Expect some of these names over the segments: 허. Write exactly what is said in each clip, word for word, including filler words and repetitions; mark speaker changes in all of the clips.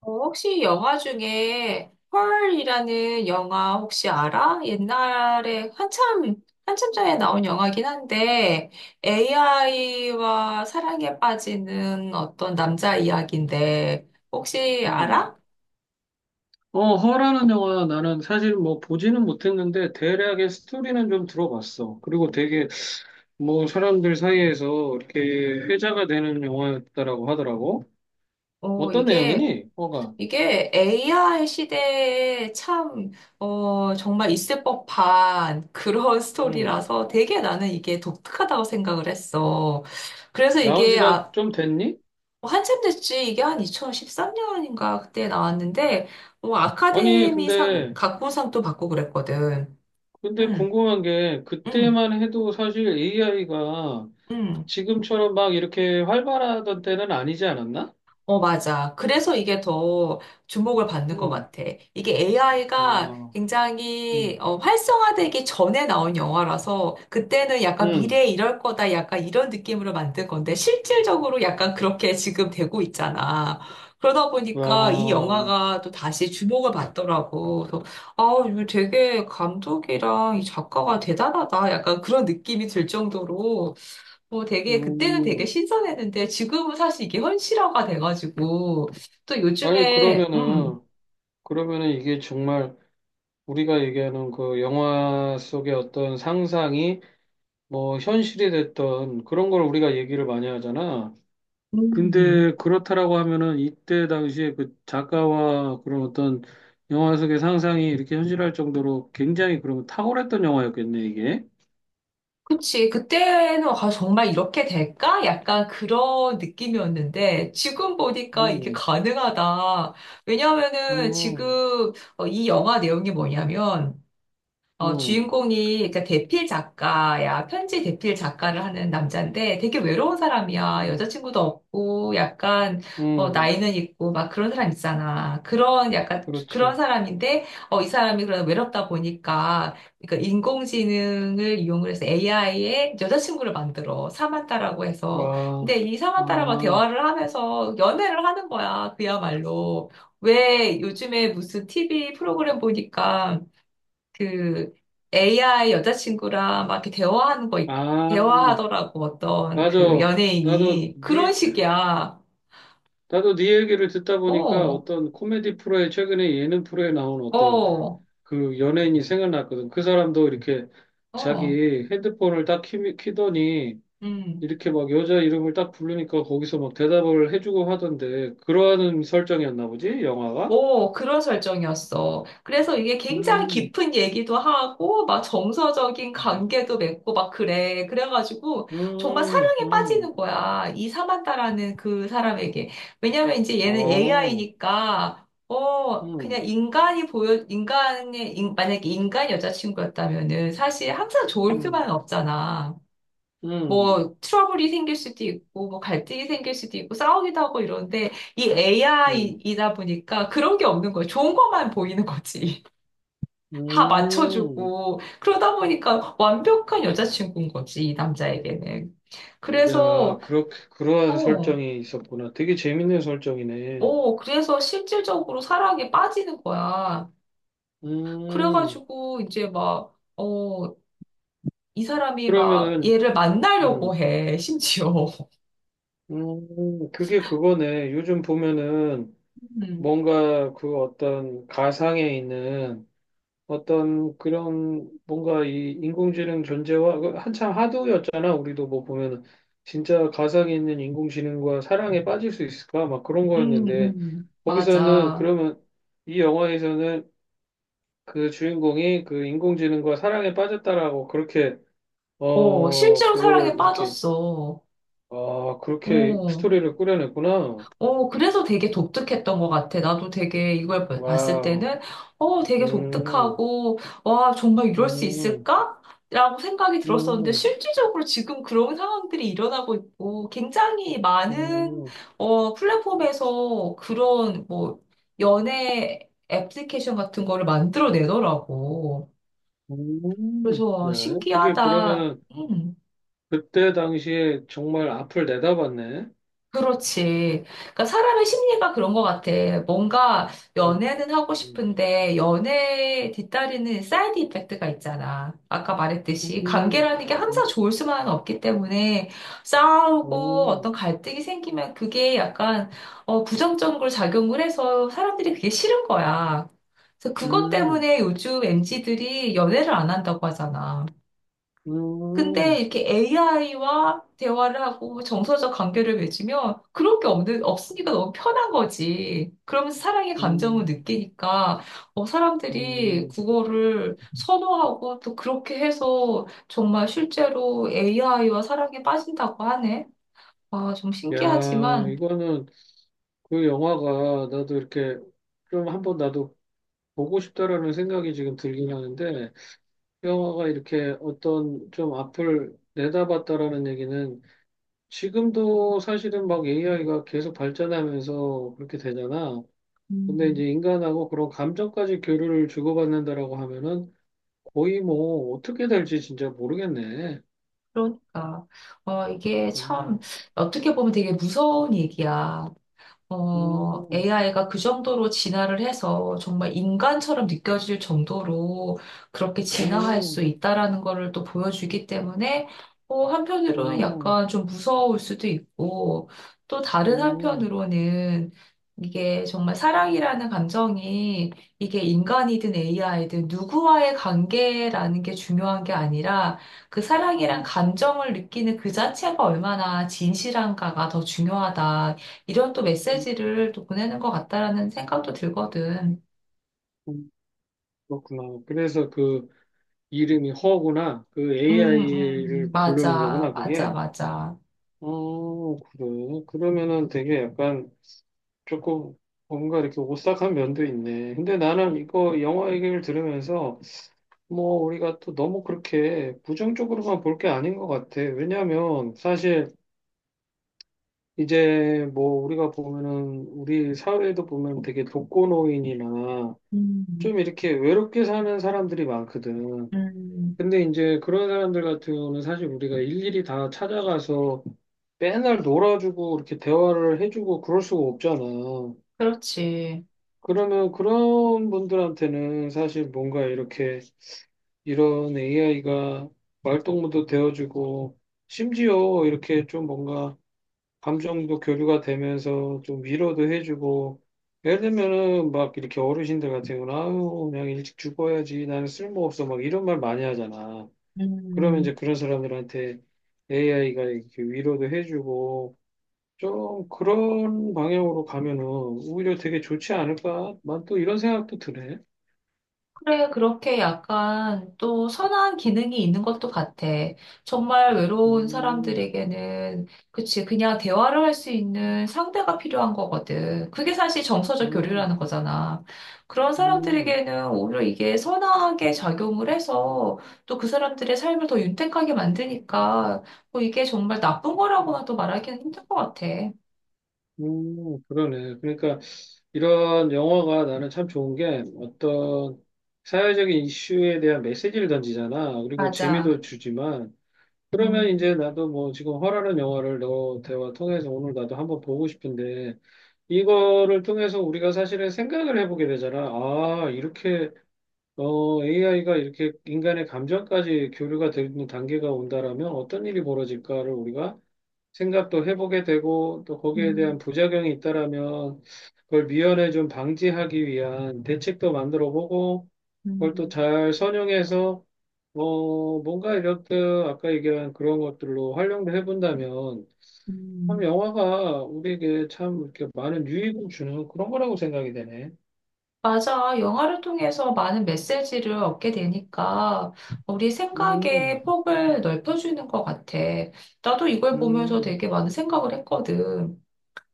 Speaker 1: 어, 혹시 영화 중에 펄이라는 영화 혹시 알아? 옛날에 한참, 한참 전에 나온 영화긴 한데 에이아이와 사랑에 빠지는 어떤 남자 이야기인데 혹시
Speaker 2: 음.
Speaker 1: 알아?
Speaker 2: 어, 허라는 영화 나는 사실 뭐 보지는 못했는데 대략의 스토리는 좀 들어봤어. 그리고 되게 뭐 사람들 사이에서 이렇게 회자가 되는 영화였다라고 하더라고.
Speaker 1: 어,
Speaker 2: 어떤
Speaker 1: 이게,
Speaker 2: 내용이니? 허가.
Speaker 1: 이게 에이아이 시대에 참, 어, 정말 있을 법한 그런
Speaker 2: 음.
Speaker 1: 스토리라서 되게 나는 이게 독특하다고 생각을 했어. 그래서
Speaker 2: 나온
Speaker 1: 이게
Speaker 2: 지가
Speaker 1: 아,
Speaker 2: 좀 됐니?
Speaker 1: 어, 한참 됐지. 이게 한 이천십삼 년인가 그때 나왔는데, 뭐
Speaker 2: 아니,
Speaker 1: 아카데미상,
Speaker 2: 근데
Speaker 1: 각본상도 받고 그랬거든.
Speaker 2: 근데
Speaker 1: 응,
Speaker 2: 궁금한 게
Speaker 1: 응,
Speaker 2: 그때만 해도 사실 에이아이가
Speaker 1: 응.
Speaker 2: 지금처럼 막 이렇게 활발하던 때는 아니지 않았나?
Speaker 1: 어, 맞아. 그래서 이게 더 주목을 받는 것
Speaker 2: 응.
Speaker 1: 같아. 이게 에이아이가
Speaker 2: 와. 응,
Speaker 1: 굉장히 어, 활성화되기 전에 나온 영화라서 그때는 약간
Speaker 2: 응.
Speaker 1: 미래에 이럴 거다 약간 이런 느낌으로 만든 건데 실질적으로 약간 그렇게 지금 되고 있잖아. 그러다 보니까 이
Speaker 2: 와.
Speaker 1: 영화가 또 다시 주목을 받더라고. 그래서 아, 이거 되게 감독이랑 이 작가가 대단하다. 약간 그런 느낌이 들 정도로 뭐 되게 그때는 되게
Speaker 2: 음.
Speaker 1: 신선했는데 지금은 사실 이게 현실화가 돼가지고 또
Speaker 2: 아니,
Speaker 1: 요즘에 음,
Speaker 2: 그러면은, 그러면은 이게 정말 우리가 얘기하는 그 영화 속의 어떤 상상이 뭐 현실이 됐던 그런 걸 우리가 얘기를 많이 하잖아.
Speaker 1: 음,
Speaker 2: 근데 그렇다라고 하면은 이때 당시에 그 작가와 그런 어떤 영화 속의 상상이 이렇게 현실할 정도로 굉장히 그러면 탁월했던 영화였겠네, 이게.
Speaker 1: 그치. 그때는 아, 정말 이렇게 될까? 약간 그런 느낌이었는데 지금 보니까 이게
Speaker 2: 음,
Speaker 1: 가능하다. 왜냐하면은
Speaker 2: 음,
Speaker 1: 지금 어, 이 영화 내용이 뭐냐면 어,
Speaker 2: 음,
Speaker 1: 주인공이 그러니까 대필 작가야. 편지 대필 작가를 하는 남자인데 되게 외로운 사람이야.
Speaker 2: 음,
Speaker 1: 여자친구도 없고 약간 어,
Speaker 2: 음,
Speaker 1: 나이는 있고 막 그런 사람 있잖아. 그런 약간 그런
Speaker 2: 그렇지.
Speaker 1: 사람인데 어, 이 사람이 그런 외롭다 보니까 그러니까 인공지능을 이용을 해서 에이아이의 여자친구를 만들어. 사만타라고 해서.
Speaker 2: 와,
Speaker 1: 근데 이 사만타라고
Speaker 2: 아,
Speaker 1: 대화를 하면서 연애를 하는 거야. 그야말로. 왜 요즘에 무슨 티비 프로그램 보니까 그 에이아이 여자친구랑 막 이렇게 대화하는 거, 있-
Speaker 2: 아,
Speaker 1: 대화하더라고, 어떤
Speaker 2: 맞아.
Speaker 1: 그
Speaker 2: 나도
Speaker 1: 연예인이. 그런
Speaker 2: 네
Speaker 1: 식이야.
Speaker 2: 나도 네 얘기를 듣다 보니까
Speaker 1: 어,
Speaker 2: 어떤 코미디 프로에 최근에 예능 프로에 나온 어떤
Speaker 1: 어,
Speaker 2: 그 연예인이 생각났거든. 그 사람도 이렇게
Speaker 1: 어.
Speaker 2: 자기 핸드폰을 딱 키, 키더니
Speaker 1: 음.
Speaker 2: 이렇게 막 여자 이름을 딱 부르니까 거기서 막 대답을 해주고 하던데 그러한 설정이었나 보지? 영화가?
Speaker 1: 오, 그런 설정이었어. 그래서 이게 굉장히
Speaker 2: 음,
Speaker 1: 깊은 얘기도 하고, 막 정서적인
Speaker 2: 음,
Speaker 1: 관계도 맺고, 막 그래. 그래가지고, 정말
Speaker 2: 음,
Speaker 1: 사랑에 빠지는 거야. 이 사만다라는 그 사람에게. 왜냐면 이제 얘는
Speaker 2: 아,
Speaker 1: 에이아이니까, 어, 그냥
Speaker 2: 음,
Speaker 1: 인간이 보여, 인간의, 인- 만약에 인간 여자친구였다면은, 사실 항상 좋을 수
Speaker 2: 음,
Speaker 1: 만 없잖아.
Speaker 2: 음,
Speaker 1: 뭐 트러블이 생길 수도 있고 뭐 갈등이 생길 수도 있고 싸우기도 하고 이런데 이
Speaker 2: 음,
Speaker 1: 에이아이이다 보니까 그런 게 없는 거예요. 좋은 것만 보이는 거지. 다
Speaker 2: 음.
Speaker 1: 맞춰주고 그러다 보니까 완벽한 여자친구인 거지 이 남자에게는.
Speaker 2: 야,
Speaker 1: 그래서
Speaker 2: 그렇게, 그러한
Speaker 1: 어,
Speaker 2: 설정이 있었구나. 되게 재밌는 설정이네.
Speaker 1: 어, 그래서 실질적으로 사랑에 빠지는 거야.
Speaker 2: 음,
Speaker 1: 그래가지고 이제 막 어, 이 사람이 막
Speaker 2: 그러면은,
Speaker 1: 얘를 만나려고
Speaker 2: 음,
Speaker 1: 해 심지어.
Speaker 2: 음, 그게 그거네. 요즘 보면은
Speaker 1: 음,
Speaker 2: 뭔가 그 어떤 가상에 있는 어떤 그런 뭔가 이 인공지능 존재와 그 한참 하도였잖아. 우리도 뭐 보면은 진짜 가상에 있는 인공지능과 사랑에 빠질 수 있을까? 막 그런
Speaker 1: 음,
Speaker 2: 거였는데
Speaker 1: 음,
Speaker 2: 거기서는
Speaker 1: 맞아.
Speaker 2: 그러면 이 영화에서는 그 주인공이 그 인공지능과 사랑에 빠졌다라고 그렇게
Speaker 1: 어,
Speaker 2: 어,
Speaker 1: 실제로 사랑에
Speaker 2: 그거를 이렇게
Speaker 1: 빠졌어.
Speaker 2: 아, 그렇게
Speaker 1: 어,
Speaker 2: 스토리를 꾸려냈구나.
Speaker 1: 어, 그래서 되게 독특했던 것 같아. 나도 되게 이걸 봐- 봤을
Speaker 2: 와우.
Speaker 1: 때는, 어, 되게
Speaker 2: 음,
Speaker 1: 독특하고, 와, 정말 이럴 수
Speaker 2: 음,
Speaker 1: 있을까? 라고 생각이 들었었는데,
Speaker 2: 음,
Speaker 1: 실질적으로 지금 그런 상황들이 일어나고 있고, 굉장히 많은,
Speaker 2: 음,
Speaker 1: 어, 플랫폼에서 그런, 뭐, 연애 애플리케이션 같은 거를 만들어내더라고.
Speaker 2: 음.
Speaker 1: 그래서,
Speaker 2: 네.
Speaker 1: 와,
Speaker 2: 그게
Speaker 1: 신기하다.
Speaker 2: 그러면은
Speaker 1: 음.
Speaker 2: 그때 당시에 정말 앞을 내다봤네.
Speaker 1: 그렇지. 그러니까 사람의 심리가 그런 것 같아. 뭔가
Speaker 2: 음,
Speaker 1: 연애는 하고
Speaker 2: 음,
Speaker 1: 싶은데 연애에 뒤따르는 사이드 이펙트가 있잖아. 아까
Speaker 2: 음,
Speaker 1: 말했듯이 관계라는 게
Speaker 2: 음,
Speaker 1: 항상 좋을 수만은 없기 때문에 싸우고
Speaker 2: 음,
Speaker 1: 어떤 갈등이 생기면 그게 약간 어, 부정적으로 작용을 해서 사람들이 그게 싫은 거야. 그래서 그것
Speaker 2: 음,
Speaker 1: 때문에 요즘 엠지들이 연애를 안 한다고 하잖아. 근데
Speaker 2: 음,
Speaker 1: 이렇게 에이아이와 대화를 하고 정서적 관계를 맺으면 그런 게 없는, 없으니까 너무 편한 거지. 그러면서 사랑의 감정을
Speaker 2: 음.
Speaker 1: 느끼니까 어, 사람들이
Speaker 2: 음.
Speaker 1: 국어를 선호하고 또 그렇게 해서 정말 실제로 에이아이와 사랑에 빠진다고 하네. 아, 좀
Speaker 2: 야,
Speaker 1: 신기하지만,
Speaker 2: 이거는 그 영화가 나도 이렇게 좀 한번 나도 보고 싶다라는 생각이 지금 들긴 하는데 영화가 이렇게 어떤 좀 앞을 내다봤다라는 얘기는 지금도 사실은 막 에이아이가 계속 발전하면서 그렇게 되잖아. 근데
Speaker 1: 음,
Speaker 2: 이제 인간하고 그런 감정까지 교류를 주고받는다라고 하면은 거의 뭐 어떻게 될지 진짜 모르겠네.
Speaker 1: 그러니까. 어, 이게 참
Speaker 2: 음,
Speaker 1: 어떻게 보면 되게 무서운 얘기야. 어,
Speaker 2: 음,
Speaker 1: 에이아이가 그 정도로 진화를 해서 정말 인간처럼 느껴질 정도로 그렇게 진화할 수
Speaker 2: 음,
Speaker 1: 있다라는 거를 또 보여주기 때문에 어, 한편으로는
Speaker 2: 음,
Speaker 1: 약간 좀 무서울 수도 있고 또 다른
Speaker 2: 음,
Speaker 1: 한편으로는 이게 정말 사랑이라는 감정이 이게 인간이든 에이아이든 누구와의 관계라는 게 중요한 게 아니라 그 사랑이란
Speaker 2: 음,
Speaker 1: 감정을 느끼는 그 자체가 얼마나 진실한가가 더 중요하다. 이런 또
Speaker 2: 음,
Speaker 1: 메시지를 또 보내는 것 같다라는 생각도 들거든.
Speaker 2: 음. 그렇구나. 그래서 그 이름이 허구나. 그
Speaker 1: 음, 음,
Speaker 2: 에이아이를 부르는
Speaker 1: 맞아,
Speaker 2: 거구나,
Speaker 1: 맞아,
Speaker 2: 그게.
Speaker 1: 맞아.
Speaker 2: 어, 그래. 그러면은 되게 약간 조금 뭔가 이렇게 오싹한 면도 있네. 근데 나는 이거 영화 얘기를 들으면서 뭐 우리가 또 너무 그렇게 부정적으로만 볼 게 아닌 것 같아. 왜냐하면 사실 이제 뭐 우리가 보면은 우리 사회도 보면 되게 독거노인이나
Speaker 1: 음,
Speaker 2: 좀 이렇게 외롭게 사는 사람들이 많거든.
Speaker 1: 음,
Speaker 2: 근데 이제 그런 사람들 같은 경우는 사실 우리가 일일이 다 찾아가서 맨날 놀아주고 이렇게 대화를 해주고 그럴 수가 없잖아.
Speaker 1: 그렇지.
Speaker 2: 그러면 그런 분들한테는 사실 뭔가 이렇게 이런 에이아이가 말동무도 되어주고 심지어 이렇게 좀 뭔가 감정도 교류가 되면서 좀 위로도 해주고 예를 들면은 막 이렇게 어르신들 같은 경우는 아유 그냥 일찍 죽어야지 나는 쓸모없어 막 이런 말 많이 하잖아. 그러면
Speaker 1: 음.
Speaker 2: 이제 그런 사람들한테 에이아이가 이렇게 위로도 해주고 좀 그런 방향으로 가면은 오히려 되게 좋지 않을까? 난 또 이런 생각도 드네.
Speaker 1: 그래, 그렇게 약간 또 선한 기능이 있는 것도 같아. 정말 외로운
Speaker 2: 음,
Speaker 1: 사람들에게는, 그치, 그냥 대화를 할 수 있는 상대가 필요한 거거든. 그게 사실 정서적
Speaker 2: 음,
Speaker 1: 교류라는 거잖아. 그런
Speaker 2: 음,
Speaker 1: 사람들에게는 오히려 이게 선하게 작용을 해서 또 그 사람들의 삶을 더 윤택하게 만드니까 뭐 이게 정말 나쁜 거라고는 또 말하기는 힘든 것 같아.
Speaker 2: 음, 그러네. 그러니까 이런 영화가 나는 참 좋은 게 어떤 사회적인 이슈에 대한 메시지를 던지잖아. 그리고
Speaker 1: 맞아.
Speaker 2: 재미도 주지만 그러면 이제
Speaker 1: 음,
Speaker 2: 나도 뭐 지금 허라는 영화를 너 대화 통해서 오늘 나도 한번 보고 싶은데 이거를 통해서 우리가 사실은 생각을 해보게 되잖아. 아, 이렇게 어, 에이아이가 이렇게 인간의 감정까지 교류가 되는 단계가 온다라면 어떤 일이 벌어질까를 우리가 생각도 해보게 되고 또 거기에 대한
Speaker 1: 음,
Speaker 2: 부작용이 있다라면 그걸 미연에 좀 방지하기 위한 대책도 만들어 보고 그걸 또
Speaker 1: 음,
Speaker 2: 잘 선용해서 어, 뭔가 이렇듯 아까 얘기한 그런 것들로 활용도 해본다면 참
Speaker 1: 음.
Speaker 2: 영화가 우리에게 참 이렇게 많은 유익을 주는 그런 거라고 생각이 되네.
Speaker 1: 맞아. 영화를 통해서 많은 메시지를 얻게 되니까 우리
Speaker 2: 음,
Speaker 1: 생각의 폭을 넓혀주는 것 같아. 나도 이걸 보면서
Speaker 2: 음,
Speaker 1: 되게 많은 생각을 했거든.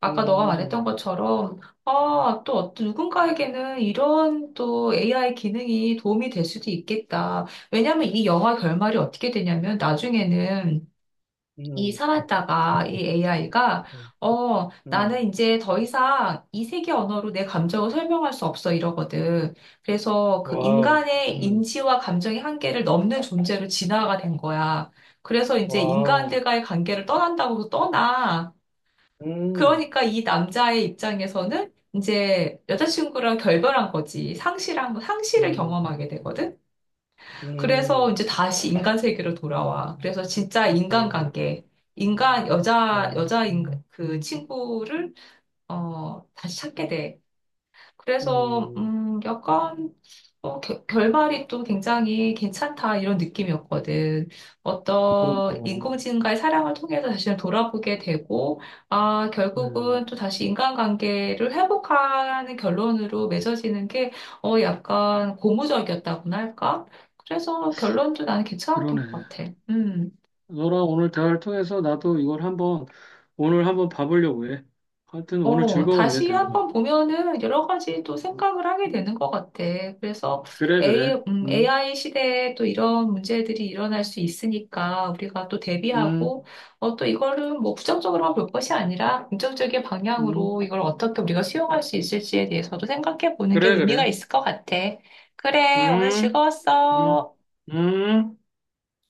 Speaker 1: 아까 너가
Speaker 2: 음,
Speaker 1: 말했던 것처럼, 아, 또 어떤 누군가에게는 이런 또 에이아이 기능이 도움이 될 수도 있겠다. 왜냐면 이 영화 결말이 어떻게 되냐면 나중에는 이
Speaker 2: 음,
Speaker 1: 살았다가 이 에이아이가
Speaker 2: 음,
Speaker 1: 어
Speaker 2: 음.
Speaker 1: 나는 이제 더 이상 이 세계 언어로 내 감정을 설명할 수 없어 이러거든. 그래서 그
Speaker 2: 와우,
Speaker 1: 인간의
Speaker 2: 음,
Speaker 1: 인지와 감정의 한계를 넘는 존재로 진화가 된 거야. 그래서 이제
Speaker 2: 와우,
Speaker 1: 인간들과의 관계를 떠난다고 도 떠나.
Speaker 2: 음,
Speaker 1: 그러니까 이 남자의 입장에서는 이제 여자친구랑 결별한 거지. 상실한 상실을
Speaker 2: 음,
Speaker 1: 경험하게 되거든. 그래서
Speaker 2: 음,
Speaker 1: 이제 다시 인간 세계로 돌아와. 그래서 진짜
Speaker 2: 음,
Speaker 1: 인간관계, 인간 여자
Speaker 2: 음,
Speaker 1: 여자 인, 그 친구를 어 다시 찾게 돼. 그래서
Speaker 2: 음.
Speaker 1: 음, 약간 어, 겨- 결말이 또 굉장히 괜찮다 이런 느낌이었거든. 어떤
Speaker 2: 그렇구나.
Speaker 1: 인공지능과의 사랑을 통해서 자신을 돌아보게 되고, 아, 결국은
Speaker 2: 음,
Speaker 1: 또 다시 인간관계를 회복하는 결론으로 맺어지는 게 어, 약간 고무적이었다고나 할까? 그래서 결론도 나는 괜찮았던
Speaker 2: 그러네.
Speaker 1: 것 같아. 음.
Speaker 2: 너랑 오늘 대화를 통해서 나도 이걸 한번, 오늘 한번 봐보려고 해. 하여튼 오늘
Speaker 1: 어,
Speaker 2: 즐거웠네,
Speaker 1: 다시
Speaker 2: 대화가.
Speaker 1: 한번 보면은 여러 가지 또 생각을 하게 되는 것 같아. 그래서
Speaker 2: 그래,
Speaker 1: A,
Speaker 2: 그래.
Speaker 1: 음,
Speaker 2: 음,
Speaker 1: i 시대에 또 이런 문제들이 일어날 수 있으니까 우리가 또
Speaker 2: 음,
Speaker 1: 대비하고, 어, 또 이거를 뭐 부정적으로만 볼 것이 아니라 긍정적인
Speaker 2: 음.
Speaker 1: 방향으로 이걸 어떻게 우리가 수용할 수 있을지에 대해서도 생각해 보는 게
Speaker 2: 그래,
Speaker 1: 의미가
Speaker 2: 그래.
Speaker 1: 있을 것 같아. 그래, 오늘
Speaker 2: 음, 음,
Speaker 1: 즐거웠어.
Speaker 2: 음.